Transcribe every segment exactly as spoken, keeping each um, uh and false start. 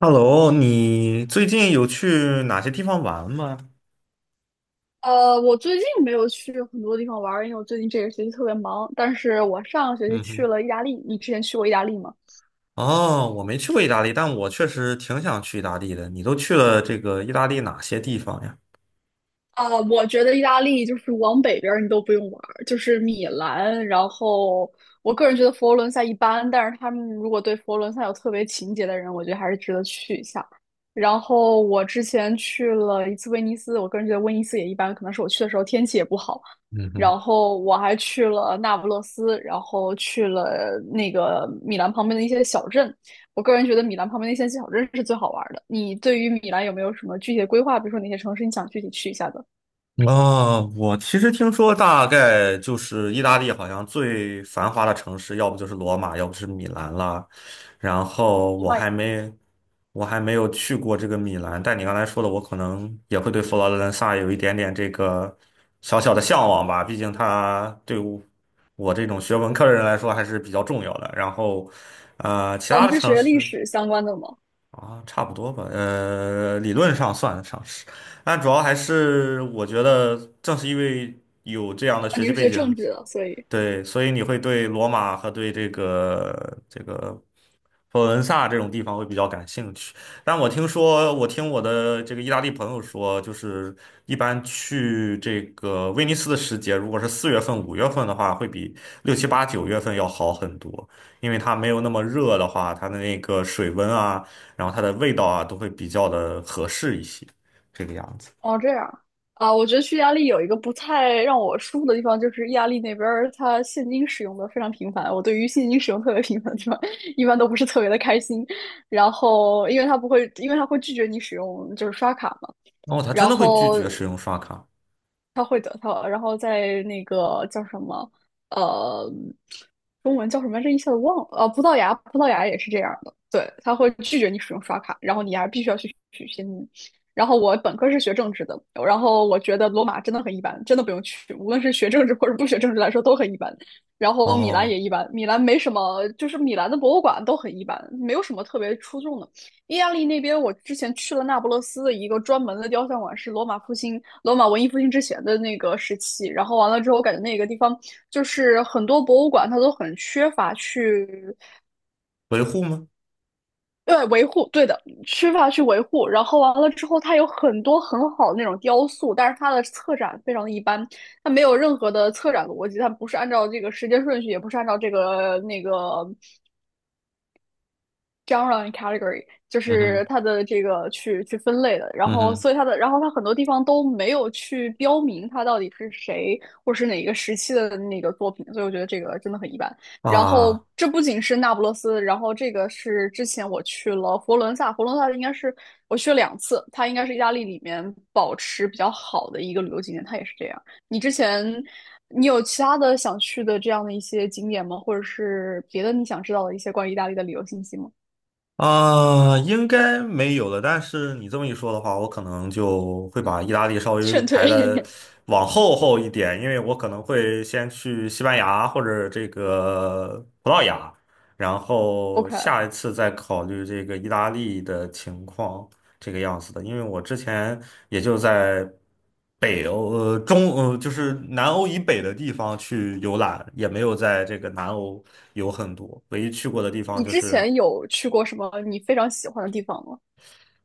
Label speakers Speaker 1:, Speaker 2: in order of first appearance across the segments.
Speaker 1: Hello，你最近有去哪些地方玩吗？
Speaker 2: 呃，我最近没有去很多地方玩儿，因为我最近这个学期特别忙。但是我上个学期
Speaker 1: 嗯
Speaker 2: 去
Speaker 1: 哼。
Speaker 2: 了意大利。你之前去过意大利吗？
Speaker 1: 哦，我没去过意大利，但我确实挺想去意大利的。你都去了这个意大利哪些地方呀？
Speaker 2: 啊，我觉得意大利就是往北边儿你都不用玩儿，就是米兰。然后我个人觉得佛罗伦萨一般，但是他们如果对佛罗伦萨有特别情节的人，我觉得还是值得去一下。然后我之前去了一次威尼斯，我个人觉得威尼斯也一般，可能是我去的时候天气也不好。
Speaker 1: 嗯哼。
Speaker 2: 然后我还去了那不勒斯，然后去了那个米兰旁边的一些小镇。我个人觉得米兰旁边的一些小镇是最好玩儿的。你对于米兰有没有什么具体的规划？比如说哪些城市你想具体去一下的？
Speaker 1: 啊，我其实听说，大概就是意大利好像最繁华的城市，要不就是罗马，要不是米兰啦。然后
Speaker 2: 我
Speaker 1: 我
Speaker 2: 马？
Speaker 1: 还没，我还没有去过这个米兰，但你刚才说的，我可能也会对佛罗伦萨有一点点这个小小的向往吧。毕竟它对我我这种学文科的人来说还是比较重要的。然后，呃，其
Speaker 2: 哦，
Speaker 1: 他
Speaker 2: 你
Speaker 1: 的
Speaker 2: 是
Speaker 1: 城
Speaker 2: 学历
Speaker 1: 市。
Speaker 2: 史相关的吗？
Speaker 1: 啊，差不多吧，呃，理论上算得上是，但主要还是我觉得，正是因为有这样的
Speaker 2: 啊，
Speaker 1: 学
Speaker 2: 你
Speaker 1: 习
Speaker 2: 是
Speaker 1: 背
Speaker 2: 学政
Speaker 1: 景，
Speaker 2: 治的，所以。
Speaker 1: 对，所以你会对罗马和对这个这个佛罗伦萨这种地方会比较感兴趣。但我听说，我听我的这个意大利朋友说，就是一般去这个威尼斯的时节，如果是四月份、五月份的话，会比六七八九月份要好很多，因为它没有那么热的话，它的那个水温啊，然后它的味道啊，都会比较的合适一些，这个样子。
Speaker 2: 哦，这样。啊，我觉得去意大利有一个不太让我舒服的地方，就是意大利那边儿它现金使用的非常频繁。我对于现金使用特别频繁的地方，一般都不是特别的开心。然后，因为它不会，因为它会拒绝你使用就是刷卡嘛。
Speaker 1: 哦，他真
Speaker 2: 然
Speaker 1: 的会拒
Speaker 2: 后
Speaker 1: 绝使用刷卡。
Speaker 2: 他会得他然后在那个叫什么，呃，中文叫什么这一下子忘了。呃，葡萄牙，葡萄牙也是这样的，对，他会拒绝你使用刷卡，然后你还必须要去取现金。然后我本科是学政治的，然后我觉得罗马真的很一般，真的不用去，无论是学政治或者不学政治来说都很一般。然后米兰
Speaker 1: 哦，
Speaker 2: 也一般，米兰没什么，就是米兰的博物馆都很一般，没有什么特别出众的。意大利那边，我之前去了那不勒斯的一个专门的雕像馆，是罗马复兴、罗马文艺复兴之前的那个时期。然后完了之后，我感觉那个地方就是很多博物馆它都很缺乏去，
Speaker 1: 维护吗？
Speaker 2: 对维护，对的，缺乏去维护。然后完了之后，它有很多很好的那种雕塑，但是它的策展非常的一般，它没有任何的策展逻辑，它不是按照这个时间顺序，也不是按照这个那个 genre and category,就
Speaker 1: 嗯
Speaker 2: 是
Speaker 1: 哼，
Speaker 2: 它的这个去去分类的，然
Speaker 1: 嗯
Speaker 2: 后
Speaker 1: 哼。
Speaker 2: 所以它的，然后它很多地方都没有去标明它到底是谁或者是哪一个时期的那个作品，所以我觉得这个真的很一般。然后
Speaker 1: 啊
Speaker 2: 这不仅是那不勒斯，然后这个是之前我去了佛罗伦萨，佛罗伦萨应该是我去了两次，它应该是意大利里面保持比较好的一个旅游景点，它也是这样。你之前你有其他的想去的这样的一些景点吗？或者是别的你想知道的一些关于意大利的旅游信息吗？
Speaker 1: 啊，应该没有了。但是你这么一说的话，我可能就会把意大利稍 微
Speaker 2: 劝退。
Speaker 1: 排的 往后后一点，因为我可能会先去西班牙或者这个葡萄牙，然后
Speaker 2: OK,
Speaker 1: 下一次再考虑这个意大利的情况，这个样子的。因为我之前也就在北欧，呃，中，呃，就是南欧以北的地方去游览，也没有在这个南欧有很多，唯一去过的地方
Speaker 2: 你
Speaker 1: 就
Speaker 2: 之
Speaker 1: 是。
Speaker 2: 前有去过什么你非常喜欢的地方吗？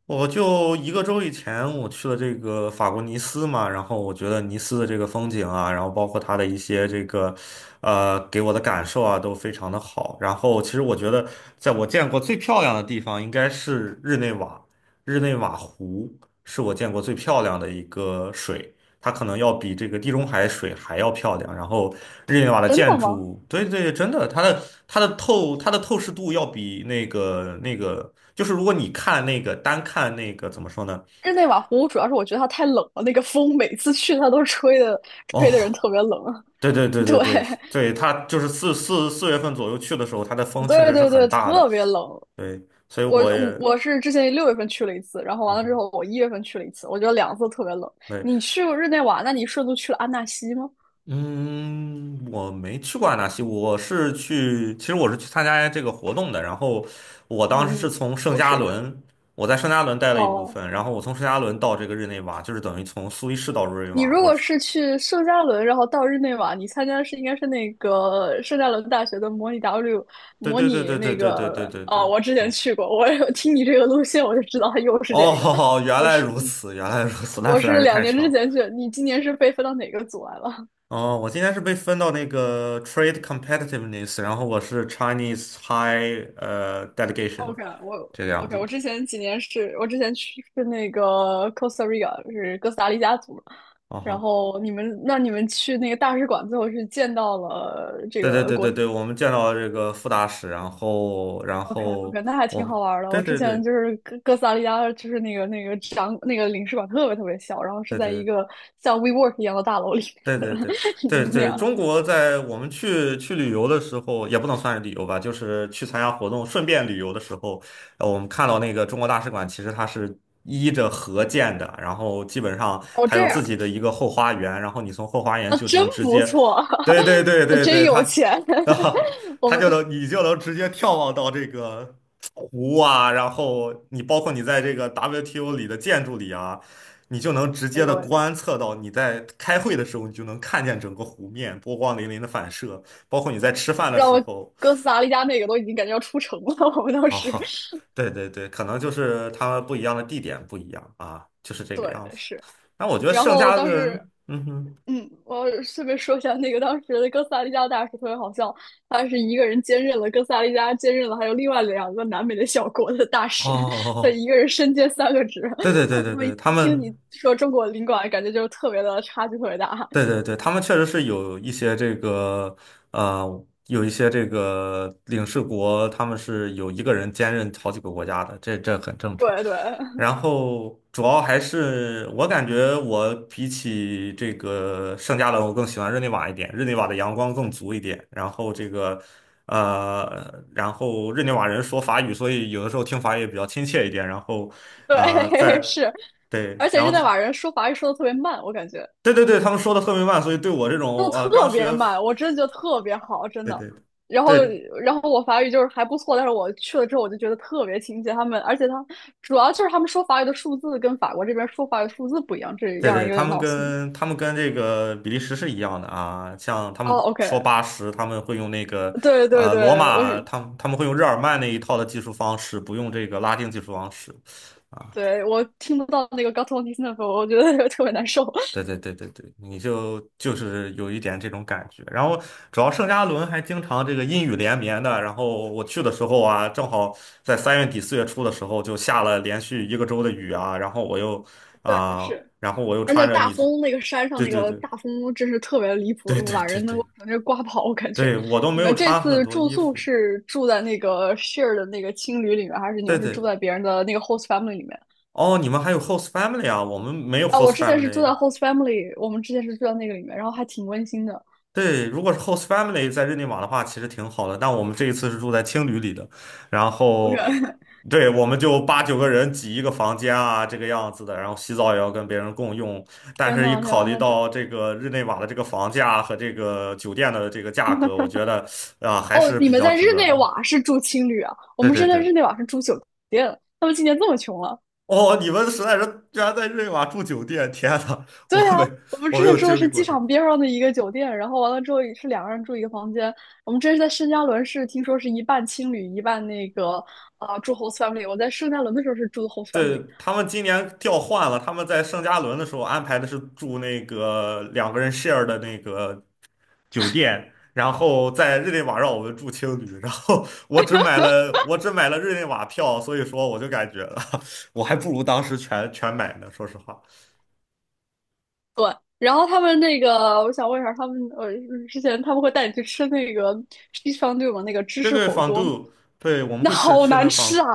Speaker 1: 我就一个周以前，我去了这个法国尼斯嘛，然后我觉得尼斯的这个风景啊，然后包括它的一些这个，呃，给我的感受啊，都非常的好。然后其实我觉得，在我见过最漂亮的地方应该是日内瓦，日内瓦湖是我见过最漂亮的一个水。它可能要比这个地中海水还要漂亮。然后日内瓦的
Speaker 2: 真
Speaker 1: 建
Speaker 2: 的吗？
Speaker 1: 筑，对对，真的，它的它的透它的透视度要比那个那个，就是如果你看那个单看那个怎么说呢？
Speaker 2: 日内瓦湖主要是我觉得它太冷了，那个风每次去它都吹的，吹的人
Speaker 1: 哦，
Speaker 2: 特别冷啊。
Speaker 1: 对对对
Speaker 2: 对，
Speaker 1: 对对对，它就是四四四月份左右去的时候，它的风确
Speaker 2: 对
Speaker 1: 实是
Speaker 2: 对对，
Speaker 1: 很大的。
Speaker 2: 特别冷。
Speaker 1: 对，所以
Speaker 2: 我
Speaker 1: 我
Speaker 2: 我
Speaker 1: 也，
Speaker 2: 我是之前六月份去了一次，然后完
Speaker 1: 嗯
Speaker 2: 了之
Speaker 1: 哼，
Speaker 2: 后我一月份去了一次，我觉得两次特别冷。
Speaker 1: 对。
Speaker 2: 你去过日内瓦，那你顺路去了安纳西吗？
Speaker 1: 嗯，我没去过阿纳西，我是去，其实我是去参加这个活动的。然后我当时是
Speaker 2: 嗯，
Speaker 1: 从圣
Speaker 2: 都
Speaker 1: 加
Speaker 2: 是。
Speaker 1: 仑，我在圣加仑待了一部
Speaker 2: 哦，
Speaker 1: 分，然后我从圣加仑到这个日内瓦，就是等于从苏黎世到日内
Speaker 2: 你
Speaker 1: 瓦。
Speaker 2: 如
Speaker 1: 我
Speaker 2: 果
Speaker 1: 只，
Speaker 2: 是去圣加伦，然后到日内瓦，你参加的是应该是那个圣加伦大学的模拟 W，
Speaker 1: 对
Speaker 2: 模
Speaker 1: 对对
Speaker 2: 拟
Speaker 1: 对对
Speaker 2: 那
Speaker 1: 对对对
Speaker 2: 个。
Speaker 1: 对
Speaker 2: 啊、
Speaker 1: 对，
Speaker 2: 我之前
Speaker 1: 我
Speaker 2: 去过，我有听你这个路线我就知道它又是这个。
Speaker 1: 哦，原
Speaker 2: 我
Speaker 1: 来
Speaker 2: 是
Speaker 1: 如此，原来如此，那
Speaker 2: 我
Speaker 1: 实在
Speaker 2: 是
Speaker 1: 是
Speaker 2: 两
Speaker 1: 太
Speaker 2: 年
Speaker 1: 巧
Speaker 2: 之
Speaker 1: 了。
Speaker 2: 前去，你今年是被分到哪个组来了？
Speaker 1: 哦，我今天是被分到那个 Trade Competitiveness，然后我是 Chinese High 呃 Delegation
Speaker 2: OK,我
Speaker 1: 这个样子
Speaker 2: OK，
Speaker 1: 的。
Speaker 2: 我之前几年是我之前去是那个 Costa Rica,是哥斯达黎加组，
Speaker 1: 哦
Speaker 2: 然
Speaker 1: 好。
Speaker 2: 后你们那你们去那个大使馆，最后是见到了这
Speaker 1: 对对
Speaker 2: 个
Speaker 1: 对
Speaker 2: 国。
Speaker 1: 对对，我们见到这个副大使，然后然
Speaker 2: OK
Speaker 1: 后
Speaker 2: OK,那还挺好
Speaker 1: 我，
Speaker 2: 玩儿的。
Speaker 1: 对
Speaker 2: 我之
Speaker 1: 对
Speaker 2: 前
Speaker 1: 对
Speaker 2: 就是哥哥斯达黎加，就是那个那个展那个领事馆特别特别小，然后是
Speaker 1: 对对
Speaker 2: 在一
Speaker 1: 对
Speaker 2: 个像 WeWork 一样的大楼里
Speaker 1: 对
Speaker 2: 面
Speaker 1: 对
Speaker 2: 的
Speaker 1: 对
Speaker 2: 那
Speaker 1: 对，
Speaker 2: 样。
Speaker 1: 中国在我们去去旅游的时候，也不能算是旅游吧，就是去参加活动，顺便旅游的时候，呃我们看到那个中国大使馆，其实它是依着河建的，然后基本上
Speaker 2: 哦，
Speaker 1: 它
Speaker 2: 这
Speaker 1: 有
Speaker 2: 样。
Speaker 1: 自己的一个后花园，然后你从后花园
Speaker 2: 啊，
Speaker 1: 就只
Speaker 2: 真
Speaker 1: 能直
Speaker 2: 不
Speaker 1: 接，
Speaker 2: 错。
Speaker 1: 对对对
Speaker 2: 那
Speaker 1: 对
Speaker 2: 真
Speaker 1: 对，
Speaker 2: 有
Speaker 1: 它。
Speaker 2: 钱。
Speaker 1: 啊，
Speaker 2: 我
Speaker 1: 它
Speaker 2: 们
Speaker 1: 就能，你就能直接眺望到这个湖啊，然后你包括你在这个 W T O 里的建筑里啊，你就能直
Speaker 2: 哎
Speaker 1: 接
Speaker 2: 呦
Speaker 1: 的
Speaker 2: 喂
Speaker 1: 观测到你在开会的时候，你就能看见整个湖面波光粼粼的反射，包括你在吃饭的
Speaker 2: 让
Speaker 1: 时
Speaker 2: 我
Speaker 1: 候
Speaker 2: 哥斯达黎加那个都已经感觉要出城了，我们当
Speaker 1: 啊，
Speaker 2: 时
Speaker 1: 对对对，可能就是他们不一样的地点不一样啊，就是这个
Speaker 2: 对
Speaker 1: 样子。
Speaker 2: 是。
Speaker 1: 那我觉得
Speaker 2: 然
Speaker 1: 圣
Speaker 2: 后
Speaker 1: 家
Speaker 2: 当
Speaker 1: 的
Speaker 2: 时
Speaker 1: 人，嗯哼，
Speaker 2: 嗯，我顺便说一下，那个当时的哥斯达黎加大使特别好笑，他是一个人兼任了哥斯达黎加，兼任了还有另外两个南美的小国的大使，他
Speaker 1: 哦，
Speaker 2: 一个人身兼三个职。
Speaker 1: 对对对 对
Speaker 2: 我
Speaker 1: 对，
Speaker 2: 一
Speaker 1: 他
Speaker 2: 听你
Speaker 1: 们。
Speaker 2: 说中国领馆，感觉就特别的差距特别大。
Speaker 1: 对对对，他们确实是有一些这个，呃，有一些这个领事国，他们是有一个人兼任好几个国家的，这这很正常。
Speaker 2: 对对
Speaker 1: 然后主要还是我感觉我比起这个圣加仑，我更喜欢日内瓦一点，日内瓦的阳光更足一点。然后这个，呃，然后日内瓦人说法语，所以有的时候听法语也比较亲切一点。然后，啊，
Speaker 2: 对，
Speaker 1: 在
Speaker 2: 是，
Speaker 1: 对，
Speaker 2: 而且
Speaker 1: 然
Speaker 2: 日内
Speaker 1: 后
Speaker 2: 瓦人说法语说的特别慢，我感觉。
Speaker 1: 对对对，他们说的特别慢，所以对我这
Speaker 2: 速
Speaker 1: 种呃刚
Speaker 2: 特别
Speaker 1: 学，
Speaker 2: 慢，我真的觉得特别好，真
Speaker 1: 对
Speaker 2: 的。
Speaker 1: 对
Speaker 2: 然后，
Speaker 1: 对
Speaker 2: 然后我法语就是还不错，但是我去了之后我就觉得特别亲切。他们，而且他主要就是他们说法语的数字跟法国这边说法语的数字不一样，这
Speaker 1: 对
Speaker 2: 让人
Speaker 1: 对，
Speaker 2: 有
Speaker 1: 他
Speaker 2: 点
Speaker 1: 们
Speaker 2: 闹心。
Speaker 1: 跟他们跟这个比利时是一样的啊，像他们
Speaker 2: 哦
Speaker 1: 说
Speaker 2: ，OK,
Speaker 1: 八十，他们会用那个
Speaker 2: 对对
Speaker 1: 呃罗
Speaker 2: 对，我
Speaker 1: 马，
Speaker 2: 是
Speaker 1: 他们他们会用日耳曼那一套的技术方式，不用这个拉丁技术方式。
Speaker 2: 对，我听不到那个 g a t t o n d i s n e f 我觉得 特别难受。
Speaker 1: 对对对对对，你就就是有一点这种感觉。然后主要圣加仑还经常这个阴雨连绵的。然后我去的时候啊，正好在三月底四月初的时候就下了连续一个周的雨啊。然后我又 啊、
Speaker 2: 是，
Speaker 1: 然后我又
Speaker 2: 而且
Speaker 1: 穿着
Speaker 2: 大
Speaker 1: 你这，
Speaker 2: 风那个山上
Speaker 1: 对
Speaker 2: 那
Speaker 1: 对
Speaker 2: 个
Speaker 1: 对
Speaker 2: 大风真是特别离
Speaker 1: 对
Speaker 2: 谱，
Speaker 1: 对
Speaker 2: 把
Speaker 1: 对
Speaker 2: 人能
Speaker 1: 对
Speaker 2: 够直接刮跑，我感觉。
Speaker 1: 对，我都没
Speaker 2: 你
Speaker 1: 有
Speaker 2: 们这
Speaker 1: 穿很
Speaker 2: 次
Speaker 1: 多
Speaker 2: 住
Speaker 1: 衣
Speaker 2: 宿
Speaker 1: 服。
Speaker 2: 是住在那个 share 的那个青旅里面，还是你
Speaker 1: 对
Speaker 2: 们是住
Speaker 1: 对，
Speaker 2: 在别人的那个 host family 里面？
Speaker 1: 哦，你们还有 host family 啊？我们没有
Speaker 2: 啊，我
Speaker 1: host
Speaker 2: 之前是住在
Speaker 1: family。
Speaker 2: host family,我们之前是住在那个里面，然后还挺温馨的。
Speaker 1: 对，如果是 host family 在日内瓦的话，其实挺好的。但我们这一次是住在青旅里的，然
Speaker 2: 好
Speaker 1: 后，
Speaker 2: 远，
Speaker 1: 对，我们就八九个人挤一个房间啊，这个样子的。然后洗澡也要跟别人共用，但
Speaker 2: 天
Speaker 1: 是一
Speaker 2: 呐，天
Speaker 1: 考
Speaker 2: 呐，
Speaker 1: 虑
Speaker 2: 那这
Speaker 1: 到这个日内瓦的这个房价和这个酒店的这个价格，我觉得啊，还
Speaker 2: 哦，
Speaker 1: 是
Speaker 2: 你
Speaker 1: 比
Speaker 2: 们
Speaker 1: 较
Speaker 2: 在日
Speaker 1: 值得
Speaker 2: 内
Speaker 1: 的。
Speaker 2: 瓦是住青旅啊？我
Speaker 1: 对
Speaker 2: 们
Speaker 1: 对
Speaker 2: 是在
Speaker 1: 对。
Speaker 2: 日内瓦是住酒店，他们今年这么穷了。
Speaker 1: 哦，你们实在是居然在日内瓦住酒店，天呐，我
Speaker 2: 对啊，
Speaker 1: 没
Speaker 2: 我们
Speaker 1: 我
Speaker 2: 之
Speaker 1: 没
Speaker 2: 前
Speaker 1: 有
Speaker 2: 住的
Speaker 1: 经历
Speaker 2: 是
Speaker 1: 过
Speaker 2: 机
Speaker 1: 这个。
Speaker 2: 场边上的一个酒店，然后完了之后也是两个人住一个房间。我们这是在圣加伦市，听说是一半青旅，一半那个啊、住 host family。我在圣加伦的时候是住的 host
Speaker 1: 对，
Speaker 2: family,
Speaker 1: 他们今年调换了，他们在圣加伦的时候安排的是住那个两个人 share 的那个酒店，然后在日内瓦让我们住青旅，然后我只买了我只买了日内瓦票，所以说我就感觉 我还不如当时全全买呢，说实话。
Speaker 2: 然后他们那个我想问一下，他们呃之前他们会带你去吃那个 c h e e s fondue 吗？那个芝
Speaker 1: 对
Speaker 2: 士
Speaker 1: 对，
Speaker 2: 火
Speaker 1: 仿
Speaker 2: 锅，
Speaker 1: 度，对，我们
Speaker 2: 那
Speaker 1: 会吃
Speaker 2: 好
Speaker 1: 吃那
Speaker 2: 难
Speaker 1: 个仿
Speaker 2: 吃
Speaker 1: 度，
Speaker 2: 啊！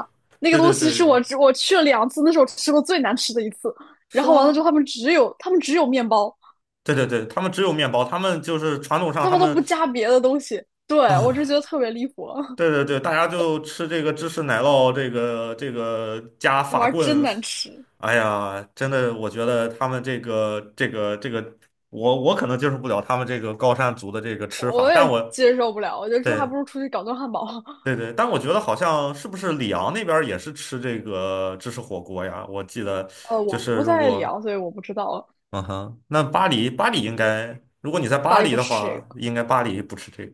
Speaker 2: 那个
Speaker 1: 对
Speaker 2: 东
Speaker 1: 对
Speaker 2: 西是我
Speaker 1: 对，
Speaker 2: 只我去了两次，那是我吃过最难吃的一次。然
Speaker 1: 是
Speaker 2: 后完了之后，
Speaker 1: 吗？
Speaker 2: 他们只有他们只有面包，
Speaker 1: 对对对，他们只有面包，他们就是传统上
Speaker 2: 他
Speaker 1: 他
Speaker 2: 们都不
Speaker 1: 们。
Speaker 2: 加别的东西。对，我就
Speaker 1: 啊。
Speaker 2: 觉得特别离谱。
Speaker 1: 对对对，大家就吃这个芝士奶酪，这个这个加
Speaker 2: 那
Speaker 1: 法
Speaker 2: 玩意儿真
Speaker 1: 棍，
Speaker 2: 难吃，
Speaker 1: 哎呀，真的，我觉得他们这个这个这个，我我可能接受不了他们这个高山族的这个吃法，
Speaker 2: 我
Speaker 1: 但
Speaker 2: 也
Speaker 1: 我
Speaker 2: 接受不了。我觉得这还不
Speaker 1: 对
Speaker 2: 如出去搞顿汉堡。
Speaker 1: 对 对，但我觉得好像是不是里昂那边儿也是吃这个芝士火锅呀？我记得
Speaker 2: 呃，
Speaker 1: 就
Speaker 2: 我
Speaker 1: 是
Speaker 2: 不
Speaker 1: 如
Speaker 2: 在里
Speaker 1: 果
Speaker 2: 昂，所以我不知道。
Speaker 1: 嗯哼，那巴黎，巴黎应该，如果你在
Speaker 2: 巴
Speaker 1: 巴
Speaker 2: 黎
Speaker 1: 黎
Speaker 2: 不
Speaker 1: 的
Speaker 2: 吃这
Speaker 1: 话，
Speaker 2: 个，
Speaker 1: 应该巴黎不吃这个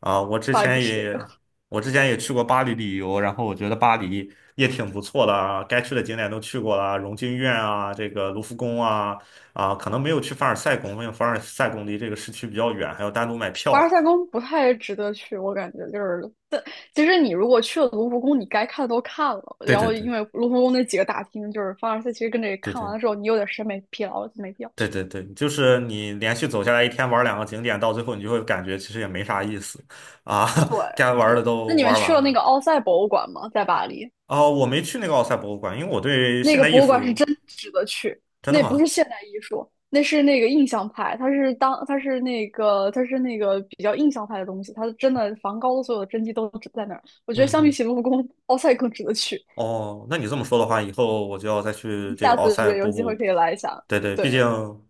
Speaker 1: 啊。我之
Speaker 2: 巴黎不
Speaker 1: 前
Speaker 2: 吃这
Speaker 1: 也，
Speaker 2: 个。
Speaker 1: 我之前也去过巴黎旅游，然后我觉得巴黎也挺不错的啊，该去的景点都去过了，荣军院啊，这个卢浮宫啊，啊，可能没有去凡尔赛宫，因为凡尔赛宫离这个市区比较远，还要单独买
Speaker 2: 凡尔
Speaker 1: 票。
Speaker 2: 赛宫不太值得去，我感觉就是。但其实你如果去了卢浮宫，你该看的都看了。
Speaker 1: 对
Speaker 2: 然
Speaker 1: 对
Speaker 2: 后
Speaker 1: 对
Speaker 2: 因为卢浮宫那几个大厅，就是凡尔赛，其实跟这
Speaker 1: 对
Speaker 2: 看完
Speaker 1: 对
Speaker 2: 了之后，你有点审美疲劳了，就没必要
Speaker 1: 对
Speaker 2: 去。
Speaker 1: 对对，就是你连续走下来一天玩两个景点，到最后你就会感觉其实也没啥意思啊，
Speaker 2: 对，
Speaker 1: 该玩的
Speaker 2: 是。那
Speaker 1: 都
Speaker 2: 你们
Speaker 1: 玩
Speaker 2: 去
Speaker 1: 完
Speaker 2: 了那
Speaker 1: 了。
Speaker 2: 个奥赛博物馆吗？在巴黎？
Speaker 1: 哦，我没去那个奥赛博物馆，因为我对
Speaker 2: 那
Speaker 1: 现
Speaker 2: 个
Speaker 1: 代艺
Speaker 2: 博物馆是
Speaker 1: 术，
Speaker 2: 真值得去，
Speaker 1: 真的
Speaker 2: 那不是
Speaker 1: 吗？
Speaker 2: 现代艺术，那是那个印象派，它是当它是那个它是那个比较印象派的东西，它真的梵高的所有的真迹都只在那儿。我觉得
Speaker 1: 嗯
Speaker 2: 相比
Speaker 1: 哼，
Speaker 2: 起卢浮宫，奥赛更值得去。
Speaker 1: 哦，那你这么说的话，以后我就要再去
Speaker 2: 你
Speaker 1: 这个
Speaker 2: 下
Speaker 1: 奥
Speaker 2: 次
Speaker 1: 赛
Speaker 2: 对有
Speaker 1: 博
Speaker 2: 机会
Speaker 1: 布。
Speaker 2: 可以来一下，
Speaker 1: 对对，毕竟
Speaker 2: 对，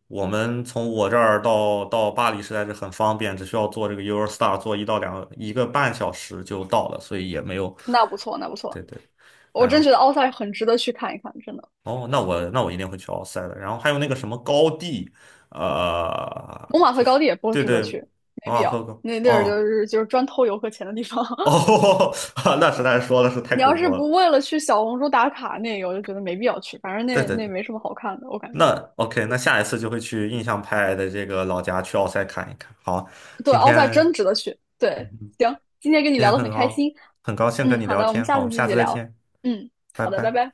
Speaker 1: 我们从我这儿到到巴黎实在是很方便，只需要坐这个 Eurostar 坐一到两一个半小时就到了，所以也没有。
Speaker 2: 那不错，那不错，
Speaker 1: 对对，
Speaker 2: 我
Speaker 1: 然
Speaker 2: 真
Speaker 1: 后
Speaker 2: 觉得奥赛很值得去看一看，真的。
Speaker 1: 哦，那我那我一定会去奥赛的。然后还有那个什么高地，呃，
Speaker 2: 蒙马
Speaker 1: 就
Speaker 2: 特
Speaker 1: 是
Speaker 2: 高地也不
Speaker 1: 对
Speaker 2: 值得
Speaker 1: 对，
Speaker 2: 去，
Speaker 1: 马
Speaker 2: 没必
Speaker 1: 马
Speaker 2: 要。
Speaker 1: 赫高
Speaker 2: 那地儿就
Speaker 1: 哦。
Speaker 2: 是就是专偷游客钱的地方。
Speaker 1: 哦，那实在是说的是太
Speaker 2: 你
Speaker 1: 恐
Speaker 2: 要是
Speaker 1: 怖了。
Speaker 2: 不为了去小红书打卡那个，我就觉得没必要去。反正
Speaker 1: 对
Speaker 2: 那
Speaker 1: 对
Speaker 2: 那
Speaker 1: 对，
Speaker 2: 没什么好看的，我感
Speaker 1: 那
Speaker 2: 觉。
Speaker 1: OK，那下一次就会去印象派的这个老家去奥赛看一看。好，
Speaker 2: 对
Speaker 1: 今
Speaker 2: 奥赛
Speaker 1: 天
Speaker 2: 真值得去。
Speaker 1: 嗯
Speaker 2: 对，
Speaker 1: 哼
Speaker 2: 行，今天跟你
Speaker 1: 今
Speaker 2: 聊
Speaker 1: 天
Speaker 2: 得
Speaker 1: 很
Speaker 2: 很开
Speaker 1: 高
Speaker 2: 心。
Speaker 1: 很高兴跟
Speaker 2: 嗯，
Speaker 1: 你
Speaker 2: 好
Speaker 1: 聊
Speaker 2: 的，我们
Speaker 1: 天，好，
Speaker 2: 下
Speaker 1: 我
Speaker 2: 次
Speaker 1: 们
Speaker 2: 继
Speaker 1: 下
Speaker 2: 续
Speaker 1: 次再
Speaker 2: 聊。
Speaker 1: 见，
Speaker 2: 嗯，
Speaker 1: 拜
Speaker 2: 好的，拜
Speaker 1: 拜。
Speaker 2: 拜。